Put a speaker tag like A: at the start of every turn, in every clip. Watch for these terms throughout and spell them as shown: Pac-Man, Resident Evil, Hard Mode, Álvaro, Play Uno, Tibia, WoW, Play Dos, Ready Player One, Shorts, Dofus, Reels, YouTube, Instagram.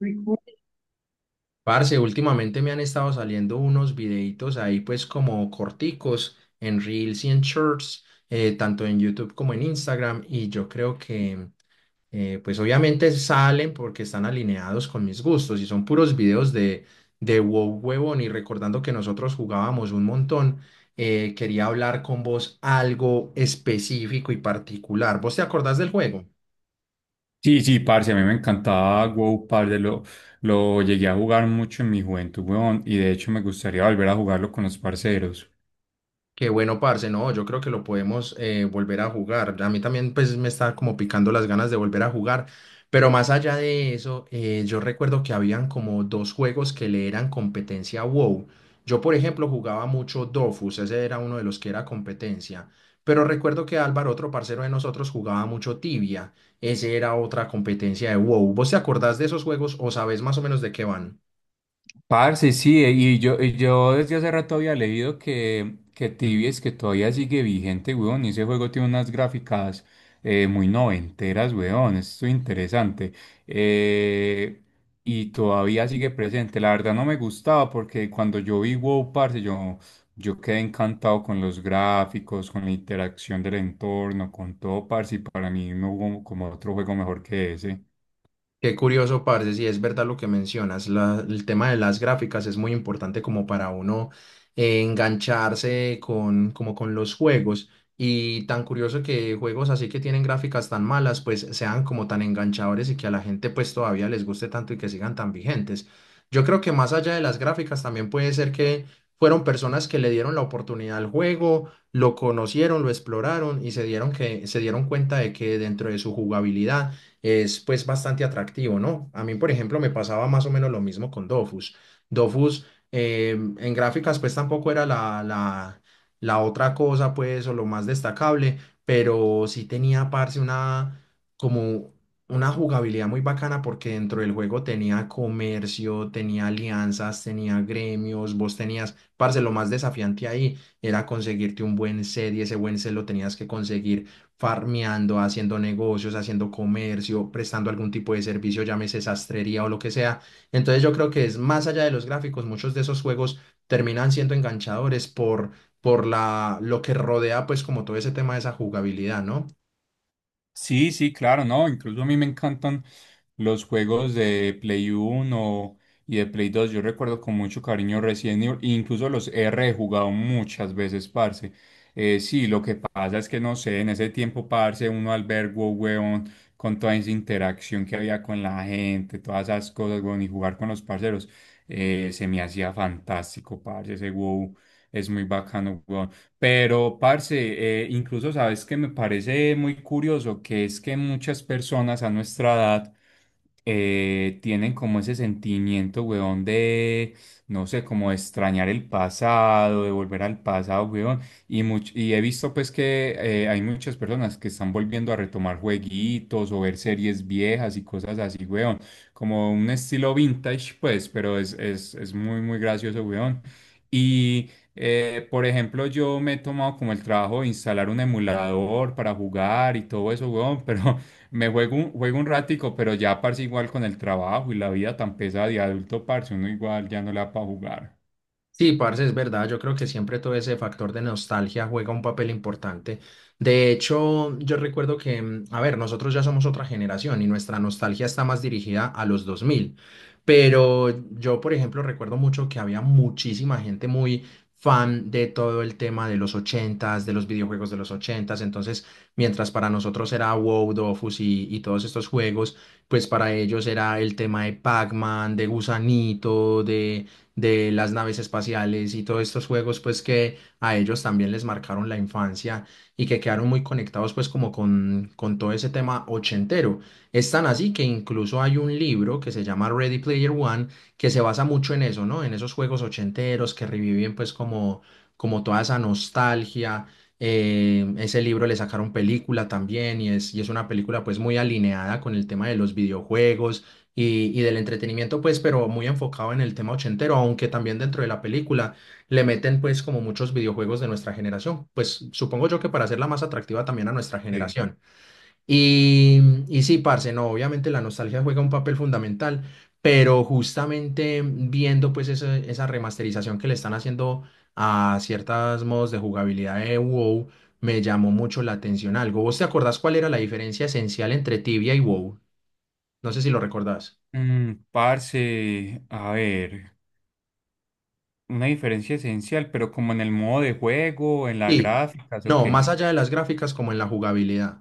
A: Recuerdo. Parce, últimamente me han estado saliendo unos videitos ahí pues como corticos en Reels y en Shorts, tanto en YouTube como en Instagram y yo creo que pues obviamente salen porque están alineados con mis gustos y son puros videos de WoW, huevón, y recordando que nosotros jugábamos un montón. Quería hablar con vos algo específico y particular. ¿Vos te acordás del juego?
B: Sí, sí, parce, a mí me encantaba WoW, parce, lo llegué a jugar mucho en mi juventud, weón, y de hecho me gustaría volver a jugarlo con los parceros.
A: Qué bueno, parce, no, yo creo que lo podemos volver a jugar. A mí también pues me está como picando las ganas de volver a jugar, pero más allá de eso, yo recuerdo que habían como dos juegos que le eran competencia a WoW. Yo, por ejemplo, jugaba mucho Dofus, ese era uno de los que era competencia, pero recuerdo que Álvaro, otro parcero de nosotros, jugaba mucho Tibia, ese era otra competencia de WoW. ¿Vos te acordás de esos juegos o sabés más o menos de qué van?
B: Parce, sí, y yo desde hace rato había leído que Tibia es que todavía sigue vigente, weón, y ese juego tiene unas gráficas muy noventeras, weón, esto es interesante. Eh, y todavía sigue presente, la verdad no me gustaba porque cuando yo vi WoW, parce, yo quedé encantado con los gráficos, con la interacción del entorno, con todo, parce, y para mí no hubo como otro juego mejor que ese.
A: Qué curioso, parce, si es verdad lo que mencionas. El tema de las gráficas es muy importante como para uno engancharse con, como con los juegos. Y tan curioso que juegos así que tienen gráficas tan malas, pues sean como tan enganchadores y que a la gente pues todavía les guste tanto y que sigan tan vigentes. Yo creo que más allá de las gráficas también puede ser que fueron personas que le dieron la oportunidad al juego, lo conocieron, lo exploraron y se dieron cuenta de que dentro de su jugabilidad es pues bastante atractivo, ¿no? A mí, por ejemplo, me pasaba más o menos lo mismo con Dofus. Dofus en gráficas pues tampoco era la otra cosa pues o lo más destacable, pero sí tenía, parce, una como una jugabilidad muy bacana porque dentro del juego tenía comercio, tenía alianzas, tenía gremios, vos tenías, parce, lo más desafiante ahí era conseguirte un buen set y ese buen set lo tenías que conseguir farmeando, haciendo negocios, haciendo comercio, prestando algún tipo de servicio, llámese sastrería o lo que sea. Entonces yo creo que es más allá de los gráficos, muchos de esos juegos terminan siendo enganchadores por lo que rodea pues como todo ese tema de esa jugabilidad, ¿no?
B: Sí, sí, claro, no, incluso a mí me encantan los juegos de Play Uno y de Play Dos. Yo recuerdo con mucho cariño Resident Evil, e incluso los R he jugado muchas veces, parce. Sí, lo que pasa es que no sé, en ese tiempo, parce, uno albergó, weón, con toda esa interacción que había con la gente, todas esas cosas, weón, y jugar con los parceros, se me hacía fantástico, parce, ese WoW es muy bacano, weón. Pero, parce, incluso sabes que me parece muy curioso que es que muchas personas a nuestra edad tienen como ese sentimiento, weón, de, no sé, como de extrañar el pasado, de volver al pasado, weón. Y, y he visto pues que hay muchas personas que están volviendo a retomar jueguitos o ver series viejas y cosas así, weón. Como un estilo vintage, pues, pero es muy, muy gracioso, weón. Por ejemplo, yo me he tomado como el trabajo de instalar un emulador para jugar y todo eso, weón, pero juego un ratico, pero ya, parce, igual con el trabajo y la vida tan pesada de adulto, parce, uno igual ya no le da para jugar.
A: Sí, parce, es verdad. Yo creo que siempre todo ese factor de nostalgia juega un papel importante. De hecho, yo recuerdo que, a ver, nosotros ya somos otra generación y nuestra nostalgia está más dirigida a los 2000. Pero yo, por ejemplo, recuerdo mucho que había muchísima gente muy fan de todo el tema de los 80s, de los videojuegos de los 80s. Entonces, mientras para nosotros era WoW, Dofus y todos estos juegos, pues para ellos era el tema de Pac-Man, de Gusanito, de las naves espaciales y todos estos juegos pues que a ellos también les marcaron la infancia y que quedaron muy conectados pues como con todo ese tema ochentero. Es tan así que incluso hay un libro que se llama Ready Player One que se basa mucho en eso, ¿no? En esos juegos ochenteros que reviven pues como, como toda esa nostalgia. Ese libro le sacaron película también y y es una película pues muy alineada con el tema de los videojuegos y del entretenimiento, pues, pero muy enfocado en el tema ochentero, aunque también dentro de la película le meten, pues, como muchos videojuegos de nuestra generación, pues, supongo yo que para hacerla más atractiva también a nuestra
B: Sí.
A: generación. Y sí, parce, no, obviamente la nostalgia juega un papel fundamental, pero justamente viendo, pues, esa remasterización que le están haciendo a ciertos modos de jugabilidad de WoW, me llamó mucho la atención algo. ¿Vos te acordás cuál era la diferencia esencial entre Tibia y WoW? No sé si lo recordás.
B: Parce, a ver, una diferencia esencial, pero como en el modo de juego, en las
A: Sí,
B: gráficas, ¿o
A: no, más
B: qué?
A: allá de las gráficas como en la jugabilidad.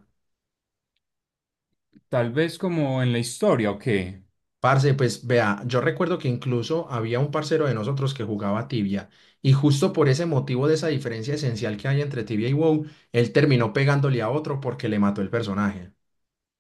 B: Tal vez como en la historia, ¿o qué?
A: Parce, pues vea, yo recuerdo que incluso había un parcero de nosotros que jugaba Tibia y justo por ese motivo de esa diferencia esencial que hay entre Tibia y WoW, él terminó pegándole a otro porque le mató el personaje.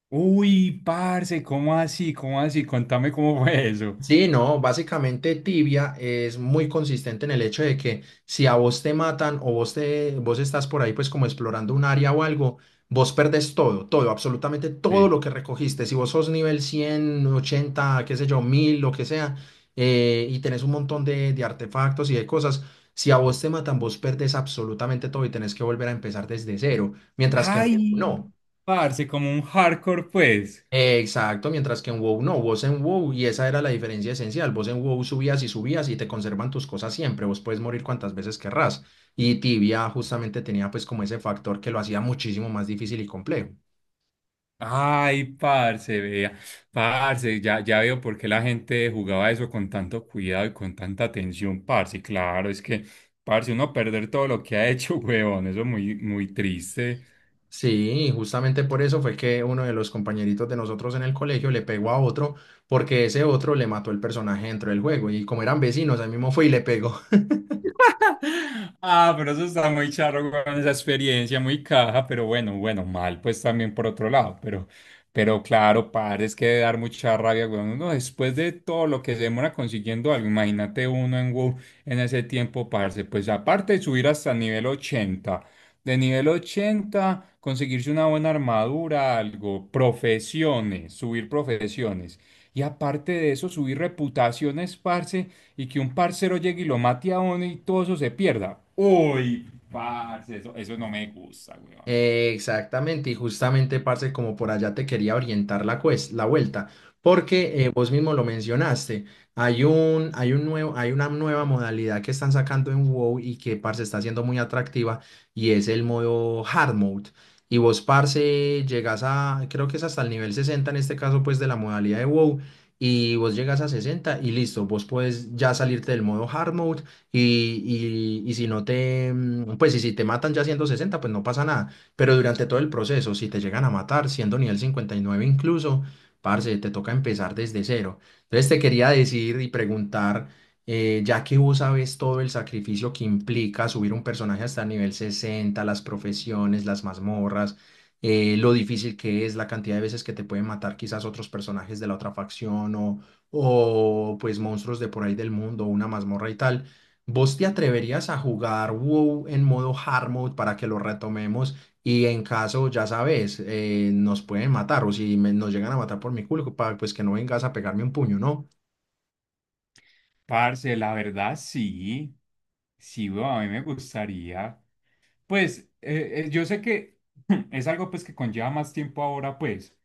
B: Uy, parce, ¿cómo así? ¿Cómo así? Contame cómo fue eso.
A: Sí, no, básicamente Tibia es muy consistente en el hecho de que si a vos te matan o vos estás por ahí pues como explorando un área o algo, vos perdés todo, todo, absolutamente todo
B: Sí.
A: lo que recogiste. Si vos sos nivel 100, 80, qué sé yo, 1000, lo que sea, y tenés un montón de artefactos y de cosas, si a vos te matan, vos perdés absolutamente todo y tenés que volver a empezar desde cero, mientras que
B: Ay,
A: no.
B: parce, como un hardcore, pues.
A: Exacto, mientras que en WoW no, vos en WoW, y esa era la diferencia esencial, vos en WoW subías y subías y te conservan tus cosas siempre, vos puedes morir cuantas veces querrás. Y Tibia justamente tenía pues como ese factor que lo hacía muchísimo más difícil y complejo.
B: Ay, parce, vea. Parce, ya, ya veo por qué la gente jugaba eso con tanto cuidado y con tanta atención, parce. Claro, es que, parce, uno perder todo lo que ha hecho, huevón, eso es muy, muy triste.
A: Sí, justamente por eso fue que uno de los compañeritos de nosotros en el colegio le pegó a otro porque ese otro le mató el personaje dentro del juego y como eran vecinos, ahí mismo fue y le pegó.
B: Ah, pero eso está muy charro, weón, esa experiencia muy caja, pero bueno, bueno, mal, pues también por otro lado, pero claro, padre, es que de dar mucha rabia, weón, uno después de todo lo que se demora consiguiendo algo, imagínate uno en WoW en ese tiempo, parce, pues aparte de subir hasta nivel 80, de nivel 80 conseguirse una buena armadura, algo, profesiones, subir profesiones, y aparte de eso, subir reputaciones, parce, y que un parcero llegue y lo mate a uno y todo eso se pierda. Uy, parce, eso no me gusta, weón.
A: Exactamente, y justamente, parce, como por allá te quería orientar la vuelta, porque vos mismo lo mencionaste, hay una nueva modalidad que están sacando en WoW y que, parce, está siendo muy atractiva y es el modo Hard Mode. Y vos, parce, llegas a, creo que es hasta el nivel 60 en este caso, pues, de la modalidad de WoW, y vos llegas a 60 y listo, vos puedes ya salirte del modo Hard Mode y, y si no te, pues, y si te matan ya siendo 60 pues no pasa nada, pero durante todo el proceso, si te llegan a matar, siendo nivel 59 incluso, parce, te toca empezar desde cero. Entonces te quería decir y preguntar, ya que vos sabes todo el sacrificio que implica subir un personaje hasta nivel 60, las profesiones, las mazmorras, lo difícil que es, la cantidad de veces que te pueden matar quizás otros personajes de la otra facción o pues monstruos de por ahí del mundo, una mazmorra y tal. ¿Vos te atreverías a jugar WoW en modo hard mode para que lo retomemos? Y en caso, ya sabes, nos pueden matar o si me- nos llegan a matar por mi culpa, pues que no vengas a pegarme un puño, ¿no?
B: Parce, la verdad sí. Sí, weón, a mí me gustaría. Pues, yo sé que es algo pues que conlleva más tiempo ahora, pues.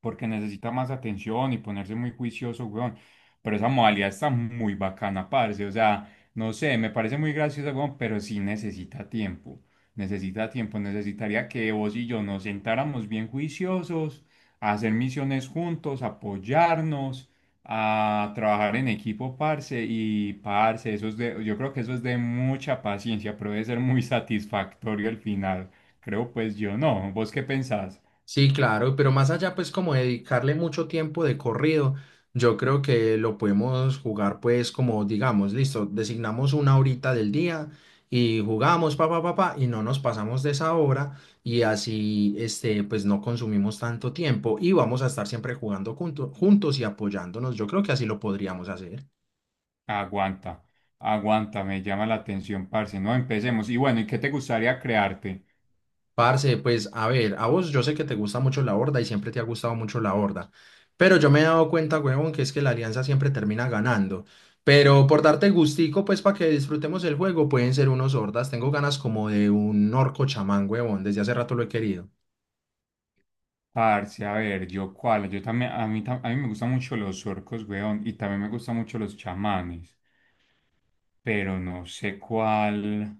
B: Porque necesita más atención y ponerse muy juicioso, weón. Pero esa modalidad está muy bacana, parce. O sea, no sé, me parece muy graciosa, weón, pero sí necesita tiempo. Necesita tiempo. Necesitaría que vos y yo nos sentáramos bien juiciosos, a hacer misiones juntos, apoyarnos, a trabajar en equipo, parce. Y, parce, eso es de, yo creo que eso es de mucha paciencia, pero debe ser muy satisfactorio al final. Creo, pues yo no. ¿Vos qué pensás?
A: Sí, claro, pero más allá, pues como dedicarle mucho tiempo de corrido, yo creo que lo podemos jugar, pues como digamos, listo, designamos una horita del día y jugamos, pa, pa, pa, pa, y no nos pasamos de esa hora y así, este, pues no consumimos tanto tiempo y vamos a estar siempre jugando juntos y apoyándonos. Yo creo que así lo podríamos hacer.
B: Aguanta, aguanta, me llama la atención, parce. No, empecemos. Y bueno, ¿y qué te gustaría crearte?
A: Parce, pues a ver, a vos yo sé que te gusta mucho la Horda y siempre te ha gustado mucho la Horda, pero yo me he dado cuenta, huevón, que es que la Alianza siempre termina ganando. Pero por darte gustico, pues para que disfrutemos el juego, pueden ser unos Hordas. Tengo ganas como de un orco chamán, huevón, desde hace rato lo he querido.
B: Parce, a ver, yo cuál, yo también, a mí, a mí me gustan mucho los orcos, weón, y también me gustan mucho los chamanes, pero no sé cuál.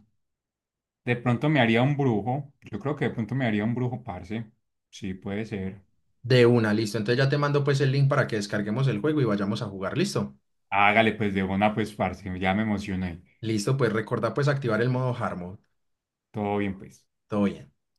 B: De pronto me haría un brujo, yo creo que de pronto me haría un brujo, parce. Sí, puede ser.
A: De una, listo. Entonces ya te mando pues el link para que descarguemos el juego y vayamos a jugar, listo.
B: Hágale, pues, de una, pues, parce, ya me emocioné.
A: Listo, pues recuerda pues activar el modo hard mode.
B: Todo bien, pues.
A: Todo bien.